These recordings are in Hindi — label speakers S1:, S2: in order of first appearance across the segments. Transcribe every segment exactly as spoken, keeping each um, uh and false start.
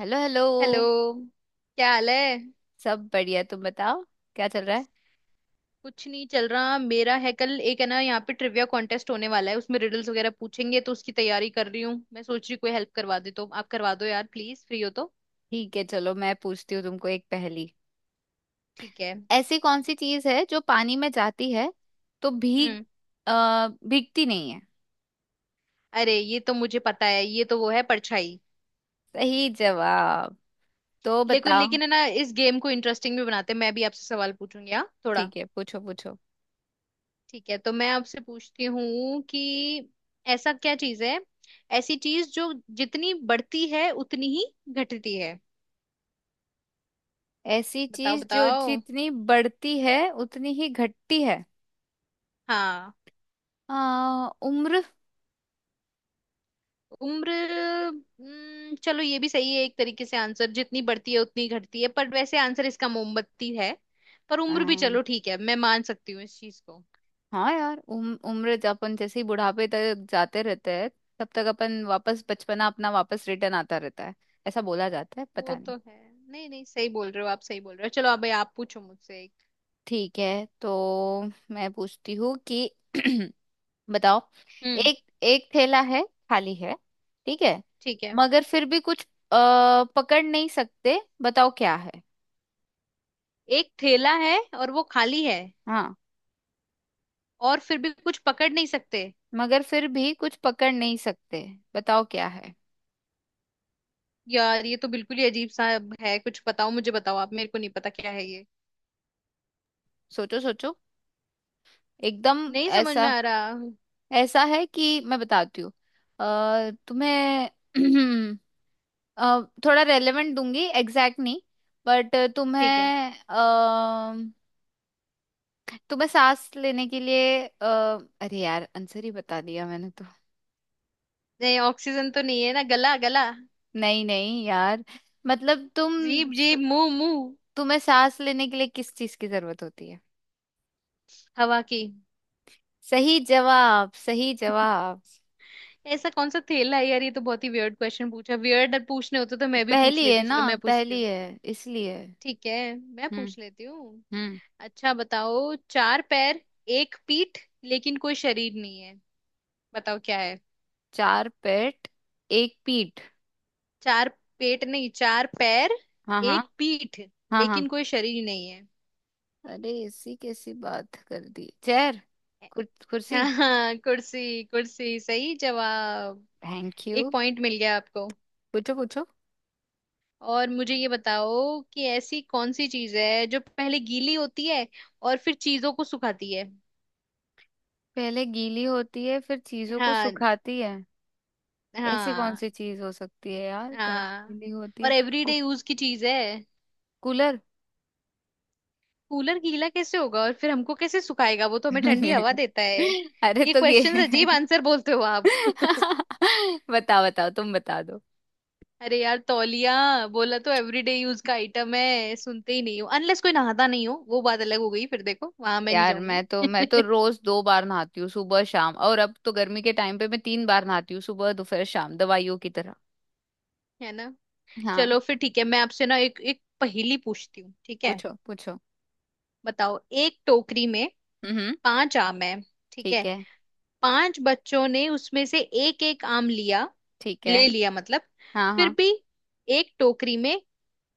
S1: Hello hello.
S2: हेलो, क्या हाल है।
S1: सब बढ़िया, तुम बताओ क्या चल रहा है।
S2: कुछ नहीं चल रहा। मेरा है कल, एक है ना यहाँ पे ट्रिविया कॉन्टेस्ट होने वाला है, उसमें रिडल्स वगैरह पूछेंगे, तो उसकी तैयारी कर रही हूँ। मैं सोच रही कोई हेल्प करवा दे, तो आप करवा दो यार प्लीज, फ्री हो तो।
S1: ठीक है, चलो मैं पूछती हूँ तुमको एक पहेली।
S2: ठीक है।
S1: ऐसी कौन सी चीज है जो पानी में जाती है तो भीग
S2: हम्म।
S1: अ, भीगती नहीं है।
S2: अरे, ये तो मुझे पता है। ये तो वो है, परछाई।
S1: सही जवाब, तो
S2: लेकिन
S1: बताओ।
S2: लेकिन है ना, इस गेम को इंटरेस्टिंग भी बनाते हैं, मैं भी आपसे सवाल पूछूंगी हाँ, थोड़ा।
S1: ठीक है, पूछो पूछो।
S2: ठीक है, तो मैं आपसे पूछती हूँ कि ऐसा क्या चीज है, ऐसी चीज जो जितनी बढ़ती है उतनी ही घटती है।
S1: ऐसी
S2: बताओ
S1: चीज जो
S2: बताओ।
S1: जितनी बढ़ती है उतनी ही घटती है।
S2: हाँ।
S1: अ, उम्र।
S2: उम्र? हम्म, चलो ये भी सही है, एक तरीके से आंसर, जितनी बढ़ती है उतनी घटती है, पर वैसे आंसर इसका मोमबत्ती है। पर उम्र भी चलो ठीक है, मैं मान सकती हूँ इस चीज को।
S1: हाँ यार, उम, उम्र, ज- अपन जैसे ही बुढ़ापे तक जाते रहते हैं, तब तक अपन वापस बचपना अपना वापस रिटर्न आता रहता है। ऐसा बोला जाता है,
S2: वो
S1: पता नहीं।
S2: तो है। नहीं नहीं, सही बोल रहे हो आप, सही बोल रहे हो। चलो, अब आप पूछो मुझसे एक।
S1: ठीक है, तो मैं पूछती हूँ कि बताओ।
S2: हम्म।
S1: एक एक थैला है, खाली है, ठीक है,
S2: ठीक है,
S1: मगर फिर भी कुछ आ, पकड़ नहीं सकते, बताओ क्या है।
S2: एक थैला है और वो खाली है।
S1: हाँ,
S2: और फिर भी कुछ पकड़ नहीं सकते।
S1: मगर फिर भी कुछ पकड़ नहीं सकते, बताओ क्या है।
S2: यार, ये तो बिल्कुल ही अजीब सा है कुछ। बताओ, मुझे बताओ आप, मेरे को नहीं पता क्या है ये।
S1: सोचो सोचो एकदम।
S2: नहीं समझ में
S1: ऐसा
S2: आ रहा।
S1: ऐसा है कि मैं बताती हूँ। अ, तुम्हें अ, थोड़ा रेलेवेंट दूंगी, एग्जैक्ट नहीं, बट
S2: ठीक है।
S1: तुम्हें अ, तुम्हें सांस लेने के लिए। अ, अरे यार आंसर ही बता दिया मैंने तो।
S2: नहीं, ऑक्सीजन तो नहीं है ना, गला गला,
S1: नहीं नहीं यार, मतलब तुम,
S2: जीप जीप, मुंह मुंह।
S1: तुम्हें सांस लेने के लिए किस चीज की जरूरत होती है।
S2: हवा की।
S1: सही जवाब, सही जवाब।
S2: ऐसा कौन सा थैला है यार, ये तो बहुत ही वियर्ड क्वेश्चन पूछा। वियर्ड पूछने होते तो मैं भी पूछ
S1: पहली है
S2: लेती,
S1: ना,
S2: चलो मैं पूछती
S1: पहली
S2: हूँ।
S1: है इसलिए।
S2: ठीक है, मैं
S1: हम्म।
S2: पूछ लेती हूँ।
S1: हम्म।
S2: अच्छा, बताओ, चार पैर, एक पीठ, लेकिन कोई शरीर नहीं है। बताओ क्या है।
S1: चार पेट, एक पीठ।
S2: चार पेट नहीं, चार पैर,
S1: हाँ हाँ।
S2: एक पीठ,
S1: हाँ हाँ।
S2: लेकिन कोई शरीर नहीं है।
S1: अरे ऐसी कैसी बात कर दी, चेयर, कुर- कुर्सी।
S2: अच्छा हाँ, कुर्सी कुर्सी, सही जवाब।
S1: थैंक
S2: एक
S1: यू।
S2: पॉइंट मिल गया आपको।
S1: पूछो पूछो।
S2: और मुझे ये बताओ कि ऐसी कौन सी चीज है जो पहले गीली होती है और फिर चीजों को सुखाती है।
S1: पहले गीली होती है फिर चीजों को
S2: हाँ।
S1: सुखाती है। ऐसी कौन
S2: हाँ।
S1: सी चीज हो सकती है यार, पहले
S2: हाँ।
S1: गीली होती
S2: और
S1: है। कू-
S2: एवरीडे यूज की चीज है।
S1: कूलर।
S2: कूलर गीला कैसे होगा, और फिर हमको कैसे सुखाएगा? वो तो हमें ठंडी हवा देता है।
S1: अरे
S2: ये
S1: तो ये।
S2: क्वेश्चन अजीब आंसर बोलते हो आप।
S1: बताओ बताओ, तुम बता दो।
S2: अरे यार, तौलिया। बोला तो एवरीडे यूज का आइटम है, सुनते ही नहीं हो। अनलेस कोई नहाता नहीं हो, वो बात अलग हो गई, फिर देखो वहां मैं नहीं
S1: यार
S2: जाऊंगी।
S1: मैं तो मैं तो रोज दो बार नहाती हूँ, सुबह शाम, और अब तो गर्मी के टाइम पे मैं तीन बार नहाती हूँ, सुबह दोपहर शाम, दवाइयों की तरह।
S2: है ना।
S1: हाँ।
S2: चलो फिर ठीक है, मैं आपसे ना एक एक पहेली पूछती हूँ, ठीक है।
S1: पूछो पूछो।
S2: बताओ, एक टोकरी में
S1: हम्म।
S2: पांच आम है, ठीक है।
S1: ठीक है।
S2: पांच बच्चों ने उसमें से एक एक आम लिया,
S1: ठीक है।
S2: ले लिया मतलब।
S1: हाँ
S2: फिर
S1: हाँ।
S2: भी एक टोकरी में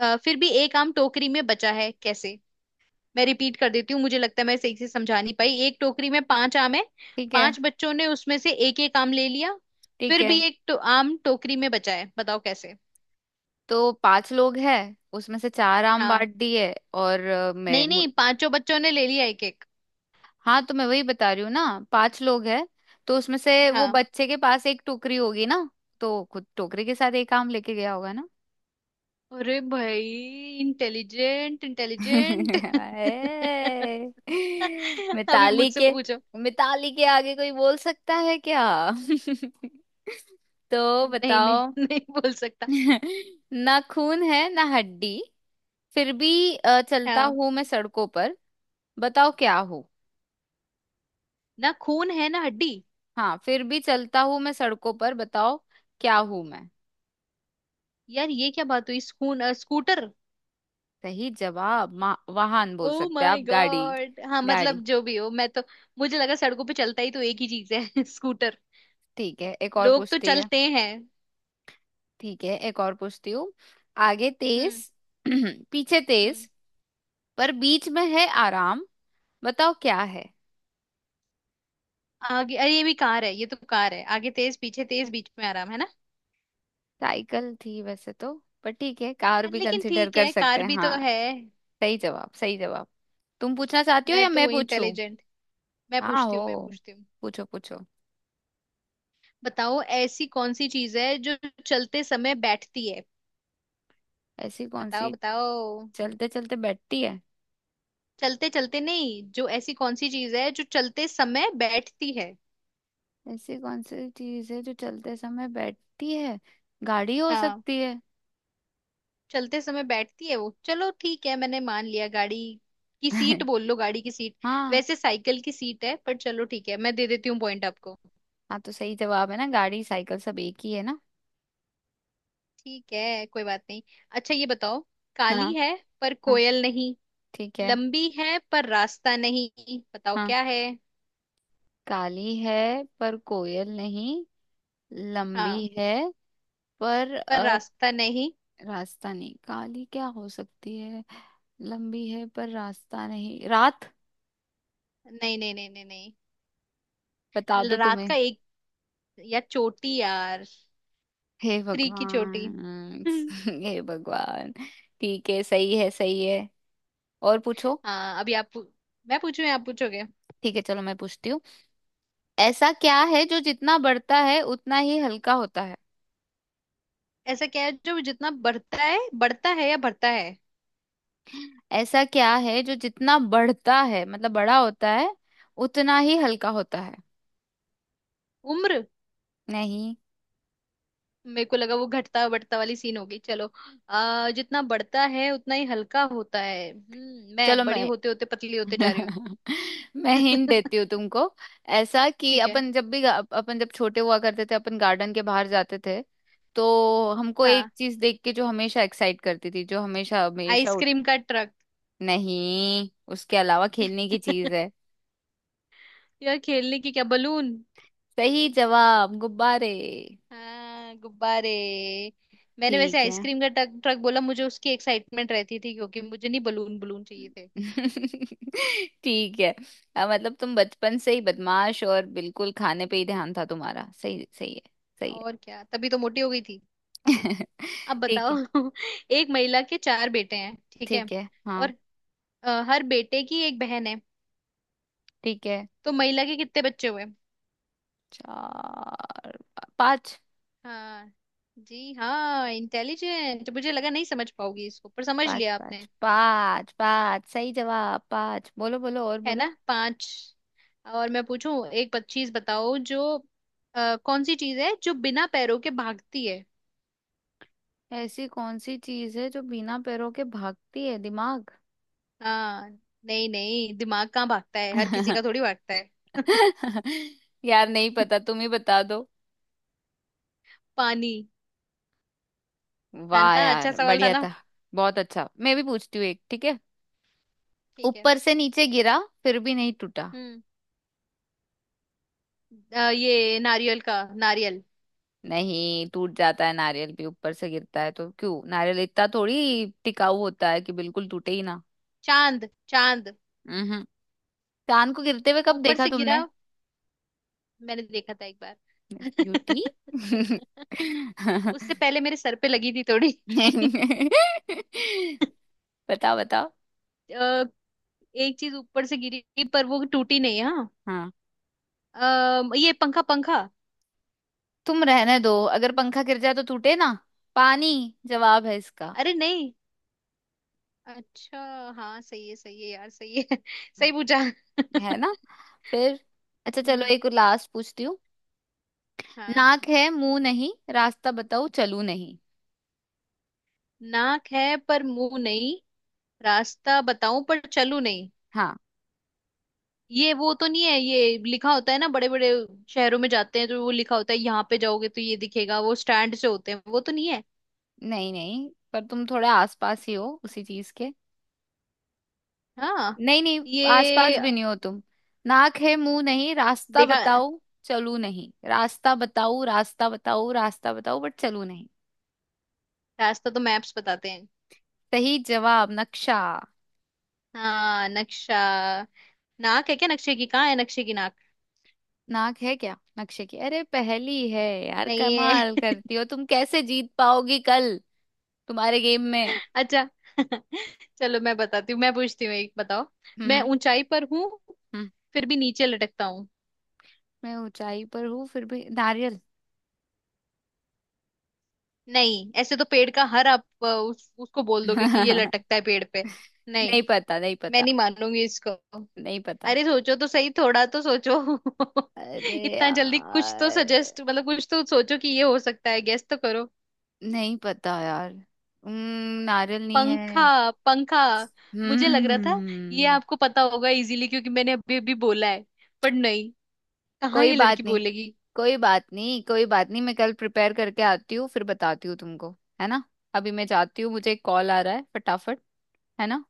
S2: अ, फिर भी एक आम टोकरी में बचा है, कैसे? मैं रिपीट कर देती हूँ, मुझे लगता है मैं सही से समझा नहीं पाई। एक टोकरी में पांच आम है,
S1: ठीक है।
S2: पांच बच्चों ने उसमें से एक एक आम ले लिया,
S1: ठीक
S2: फिर
S1: है,
S2: भी एक टो, आम टोकरी में बचा है, बताओ कैसे।
S1: तो पांच लोग हैं, उसमें से चार आम
S2: हाँ।
S1: बांट दिए और अ, मैं
S2: नहीं
S1: मु-
S2: नहीं, पांचों बच्चों ने ले लिया एक एक।
S1: हाँ तो मैं वही बता रही हूँ ना। पांच लोग हैं, तो उसमें से वो
S2: हाँ।
S1: बच्चे के पास एक टोकरी होगी ना, तो खुद टोकरी के साथ एक आम लेके गया होगा ना।
S2: अरे भाई, इंटेलिजेंट इंटेलिजेंट।
S1: ए,
S2: अभी
S1: मिताली
S2: मुझसे
S1: के,
S2: पूछो।
S1: मिताली के आगे कोई बोल सकता है क्या। तो
S2: नहीं नहीं,
S1: बताओ।
S2: नहीं बोल सकता।
S1: ना खून है ना हड्डी, फिर भी अ, चलता
S2: हाँ।
S1: हूँ मैं सड़कों पर, बताओ क्या हूँ।
S2: ना खून है ना हड्डी।
S1: हाँ, फिर भी चलता हूँ मैं सड़कों पर, बताओ क्या हूँ मैं।
S2: यार, ये क्या बात हुई? खून, अ, स्कूटर।
S1: सही जवाब, मा- वाहन बोल
S2: ओ
S1: सकते हैं
S2: माय
S1: आप, गाड़ी।
S2: गॉड, हाँ
S1: गाड़ी।
S2: मतलब जो भी हो, मैं तो, मुझे लगा सड़कों पे चलता ही तो एक ही चीज है, स्कूटर,
S1: ठीक है, एक और
S2: लोग तो
S1: पूछती है।
S2: चलते हैं।
S1: ठीक है, एक और पूछती हूँ। आगे तेज,
S2: हम्म।
S1: पीछे तेज,
S2: हम्म।
S1: पर बीच में है आराम, बताओ क्या है।
S2: आगे, अरे, ये भी कार है, ये तो कार है। आगे तेज, पीछे तेज, बीच में आराम, है ना।
S1: साइकिल थी वैसे तो, पर ठीक है, कार भी
S2: लेकिन
S1: कंसिडर
S2: ठीक
S1: कर
S2: है,
S1: सकते
S2: कार
S1: हैं,
S2: भी तो
S1: हाँ।
S2: है।
S1: सही जवाब, सही जवाब। तुम पूछना चाहती हो
S2: मैं
S1: या मैं
S2: तो
S1: पूछूं।
S2: इंटेलिजेंट। मैं
S1: हाँ
S2: पूछती हूँ मैं
S1: हो।
S2: पूछती हूँ
S1: पूछो पूछो।
S2: बताओ, ऐसी कौन सी चीज है जो चलते समय बैठती है।
S1: ऐसी कौन
S2: बताओ
S1: सी।
S2: बताओ।
S1: चलते चलते बैठती है।
S2: चलते चलते नहीं, जो, ऐसी कौन सी चीज है जो चलते समय बैठती है।
S1: ऐसी कौन सी चीज है जो चलते समय बैठती है। गाड़ी हो
S2: हाँ।
S1: सकती है।
S2: चलते समय बैठती है वो, चलो ठीक है, मैंने मान लिया, गाड़ी की सीट बोल लो, गाड़ी की सीट।
S1: हाँ।
S2: वैसे साइकिल की सीट है, पर चलो ठीक है, मैं दे देती हूँ पॉइंट आपको।
S1: हाँ तो सही जवाब है ना, गाड़ी साइकिल सब एक ही है ना।
S2: ठीक है, कोई बात नहीं। अच्छा ये बताओ, काली
S1: हाँ।
S2: है पर
S1: हाँ।
S2: कोयल नहीं,
S1: ठीक है।
S2: लंबी है पर रास्ता नहीं, बताओ
S1: हाँ।
S2: क्या है।
S1: काली है पर कोयल नहीं। लंबी
S2: हाँ।
S1: है पर
S2: पर
S1: अ,
S2: रास्ता नहीं।
S1: रास्ता नहीं। काली क्या हो सकती है। लंबी है पर रास्ता नहीं, रात।
S2: नहीं नहीं नहीं नहीं नहीं
S1: बता दो
S2: ल- रात
S1: तुम्हें।
S2: का एक, यार, चोटी यार, स्त्री
S1: हे
S2: की चोटी।
S1: भगवान,
S2: हम्म।
S1: हे भगवान। ठीक है, सही है, सही है। और पूछो।
S2: हाँ, अभी आप पू- मैं पूछूं या आप पूछोगे?
S1: ठीक है, चलो मैं पूछती हूँ। ऐसा क्या है जो जितना बढ़ता है उतना ही हल्का होता है।
S2: ऐसा क्या है जो जितना बढ़ता है, बढ़ता है या बढ़ता है?
S1: ऐसा क्या है जो जितना बढ़ता है, मतलब बड़ा होता है, उतना ही हल्का होता है।
S2: उम्र?
S1: नहीं।
S2: मेरे को लगा वो घटता बढ़ता वाली सीन होगी। चलो, आ, जितना बढ़ता है उतना ही हल्का होता है। हम्म,
S1: चलो
S2: मैं बड़ी
S1: मैं
S2: होते होते पतली होते जा रही हूँ।
S1: मैं हिंट देती हूँ तुमको। ऐसा कि
S2: ठीक है।
S1: अपन जब भी गा- अपन जब छोटे हुआ करते थे, अपन गार्डन के बाहर जाते थे, तो हमको एक
S2: हाँ,
S1: चीज देख के जो हमेशा एक्साइट करती थी, जो हमेशा हमेशा उत...
S2: आइसक्रीम का ट्रक।
S1: नहीं, उसके अलावा, खेलने की चीज है।
S2: यार खेलने की क्या, बलून।
S1: सही जवाब, गुब्बारे।
S2: हाँ, गुब्बारे। मैंने वैसे
S1: ठीक है।
S2: आइसक्रीम का ट्रक ट्रक बोला, मुझे उसकी एक्साइटमेंट रहती थी क्योंकि, मुझे नहीं, बलून बलून चाहिए थे।
S1: ठीक है। अ, मतलब तुम बचपन से ही बदमाश, और बिल्कुल खाने पे ही ध्यान था तुम्हारा, सही, सही है। सही।
S2: और क्या, तभी तो मोटी हो गई थी।
S1: है
S2: अब
S1: ठीक
S2: बताओ,
S1: है।
S2: एक महिला के चार बेटे हैं, ठीक है?
S1: ठीक है। हाँ।
S2: और अ, हर बेटे की एक बहन है।
S1: ठीक है।
S2: तो महिला के कितने बच्चे हुए?
S1: चार, पांच।
S2: हाँ। जी हाँ, इंटेलिजेंट, मुझे लगा नहीं समझ पाओगी इसको, पर समझ
S1: पाँच
S2: लिया आपने।
S1: पाँच पांच पांच, सही जवाब पांच, बोलो बोलो और
S2: है ना,
S1: बोलो।
S2: पांच। और मैं पूछूं एक पच्चीस, बताओ, जो अ, कौन सी चीज है जो बिना पैरों के भागती है।
S1: ऐसी कौन सी चीज है जो बिना पैरों के भागती है, दिमाग।
S2: हाँ। नहीं नहीं, दिमाग कहाँ भागता है, हर किसी का थोड़ी भागता है।
S1: यार नहीं पता, तुम ही बता दो।
S2: पानी। है
S1: वाह
S2: ना, अच्छा
S1: यार
S2: सवाल था
S1: बढ़िया
S2: ना।
S1: था। बहुत अच्छा, मैं भी पूछती हूँ एक, ठीक है।
S2: ठीक है।
S1: ऊपर से नीचे गिरा, फिर भी नहीं टूटा।
S2: हम्म। अ, ये नारियल का, नारियल।
S1: नहीं, टूट जाता है, नारियल भी ऊपर से गिरता है तो क्यों, नारियल इतना थोड़ी टिकाऊ होता है कि बिल्कुल टूटे ही ना।
S2: चांद चांद।
S1: हम्म। चांद को गिरते हुए कब
S2: ऊपर
S1: देखा
S2: से गिरा,
S1: तुमने।
S2: मैंने देखा था एक बार।
S1: झूठी।
S2: उससे पहले मेरे सर पे लगी थी थोड़ी।
S1: बताओ बताओ।
S2: अ, एक चीज ऊपर से गिरी, पर वो टूटी नहीं, हाँ।
S1: हाँ।
S2: अ, ये पंखा पंखा।
S1: तुम रहने दो, अगर पंखा गिर जाए तो टूटे ना। पानी जवाब है इसका।
S2: अरे नहीं, अच्छा। हाँ, सही है सही है यार, सही है, सही पूछा।
S1: है ना। फिर। अच्छा चलो,
S2: हम्म।
S1: एक लास्ट पूछती हूँ।
S2: हाँ।
S1: नाक है मुंह नहीं, रास्ता बताओ चलू नहीं।
S2: नाक है पर मुंह नहीं, रास्ता बताऊं पर चलूं नहीं।
S1: हाँ।
S2: ये, वो तो नहीं है, ये लिखा होता है ना, बड़े बड़े शहरों में जाते हैं तो वो लिखा होता है, यहाँ पे जाओगे तो ये दिखेगा, वो स्टैंड से होते हैं, वो तो नहीं है।
S1: नहीं नहीं, पर तुम थोड़े आसपास ही हो उसी चीज के।
S2: हाँ।
S1: नहीं नहीं। आसपास
S2: ये,
S1: भी नहीं हो तुम। नाक है मुंह नहीं, रास्ता
S2: देखा।
S1: बताओ चलू नहीं, रास्ता बताओ, रास्ता बताओ, रास्ता बताओ, बट चलू नहीं।
S2: रास्ता तो मैप्स बताते हैं।
S1: सही जवाब, नक्शा।
S2: हाँ, नक्शा। नाक है क्या नक्शे की, कहाँ है नक्शे की नाक?
S1: नाक है क्या नक्शे की, अरे पहली है। यार
S2: नहीं है।
S1: कमाल करती हो तुम, कैसे जीत पाओगी कल तुम्हारे गेम में।
S2: अच्छा। चलो मैं बताती हूँ, मैं पूछती हूँ एक, बताओ,
S1: हम्म।
S2: मैं
S1: हम्म।
S2: ऊंचाई पर हूँ
S1: हम्म।
S2: फिर भी नीचे लटकता।
S1: मैं ऊंचाई पर हूँ, फिर भी, नारियल।
S2: नहीं, ऐसे तो पेड़ का हर, आप अ, उस, उसको बोल दोगे कि ये
S1: नहीं
S2: लटकता है पेड़ पे। नहीं।
S1: पता, नहीं
S2: मैं
S1: पता,
S2: नहीं मानूंगी इसको।
S1: नहीं पता।
S2: अरे सोचो तो सही, थोड़ा तो सोचो,
S1: अरे
S2: इतना जल्दी, कुछ तो सजेस्ट,
S1: यार,
S2: मतलब कुछ तो सोचो कि ये हो सकता है, गेस तो करो।
S1: नहीं पता यार। हम्म, नारियल नहीं
S2: पंखा
S1: है।
S2: पंखा। मुझे लग रहा था ये
S1: हम्म।
S2: आपको पता होगा इजीली क्योंकि मैंने अभी अभी बोला है, पर नहीं, कहाँ
S1: कोई
S2: ये
S1: बात
S2: लड़की
S1: नहीं,
S2: बोलेगी।
S1: कोई बात नहीं, कोई बात नहीं, मैं कल प्रिपेयर करके आती हूँ, फिर बताती हूँ तुमको। है ना। अभी मैं जाती हूँ, मुझे एक कॉल आ रहा है, फटाफट। है ना।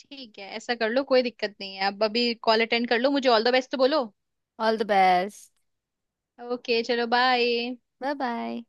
S2: ठीक है, ऐसा कर लो, कोई दिक्कत नहीं है, आप अभी कॉल अटेंड कर लो, मुझे ऑल द बेस्ट तो बोलो।
S1: All the best.
S2: ओके, चलो बाय।
S1: Bye bye.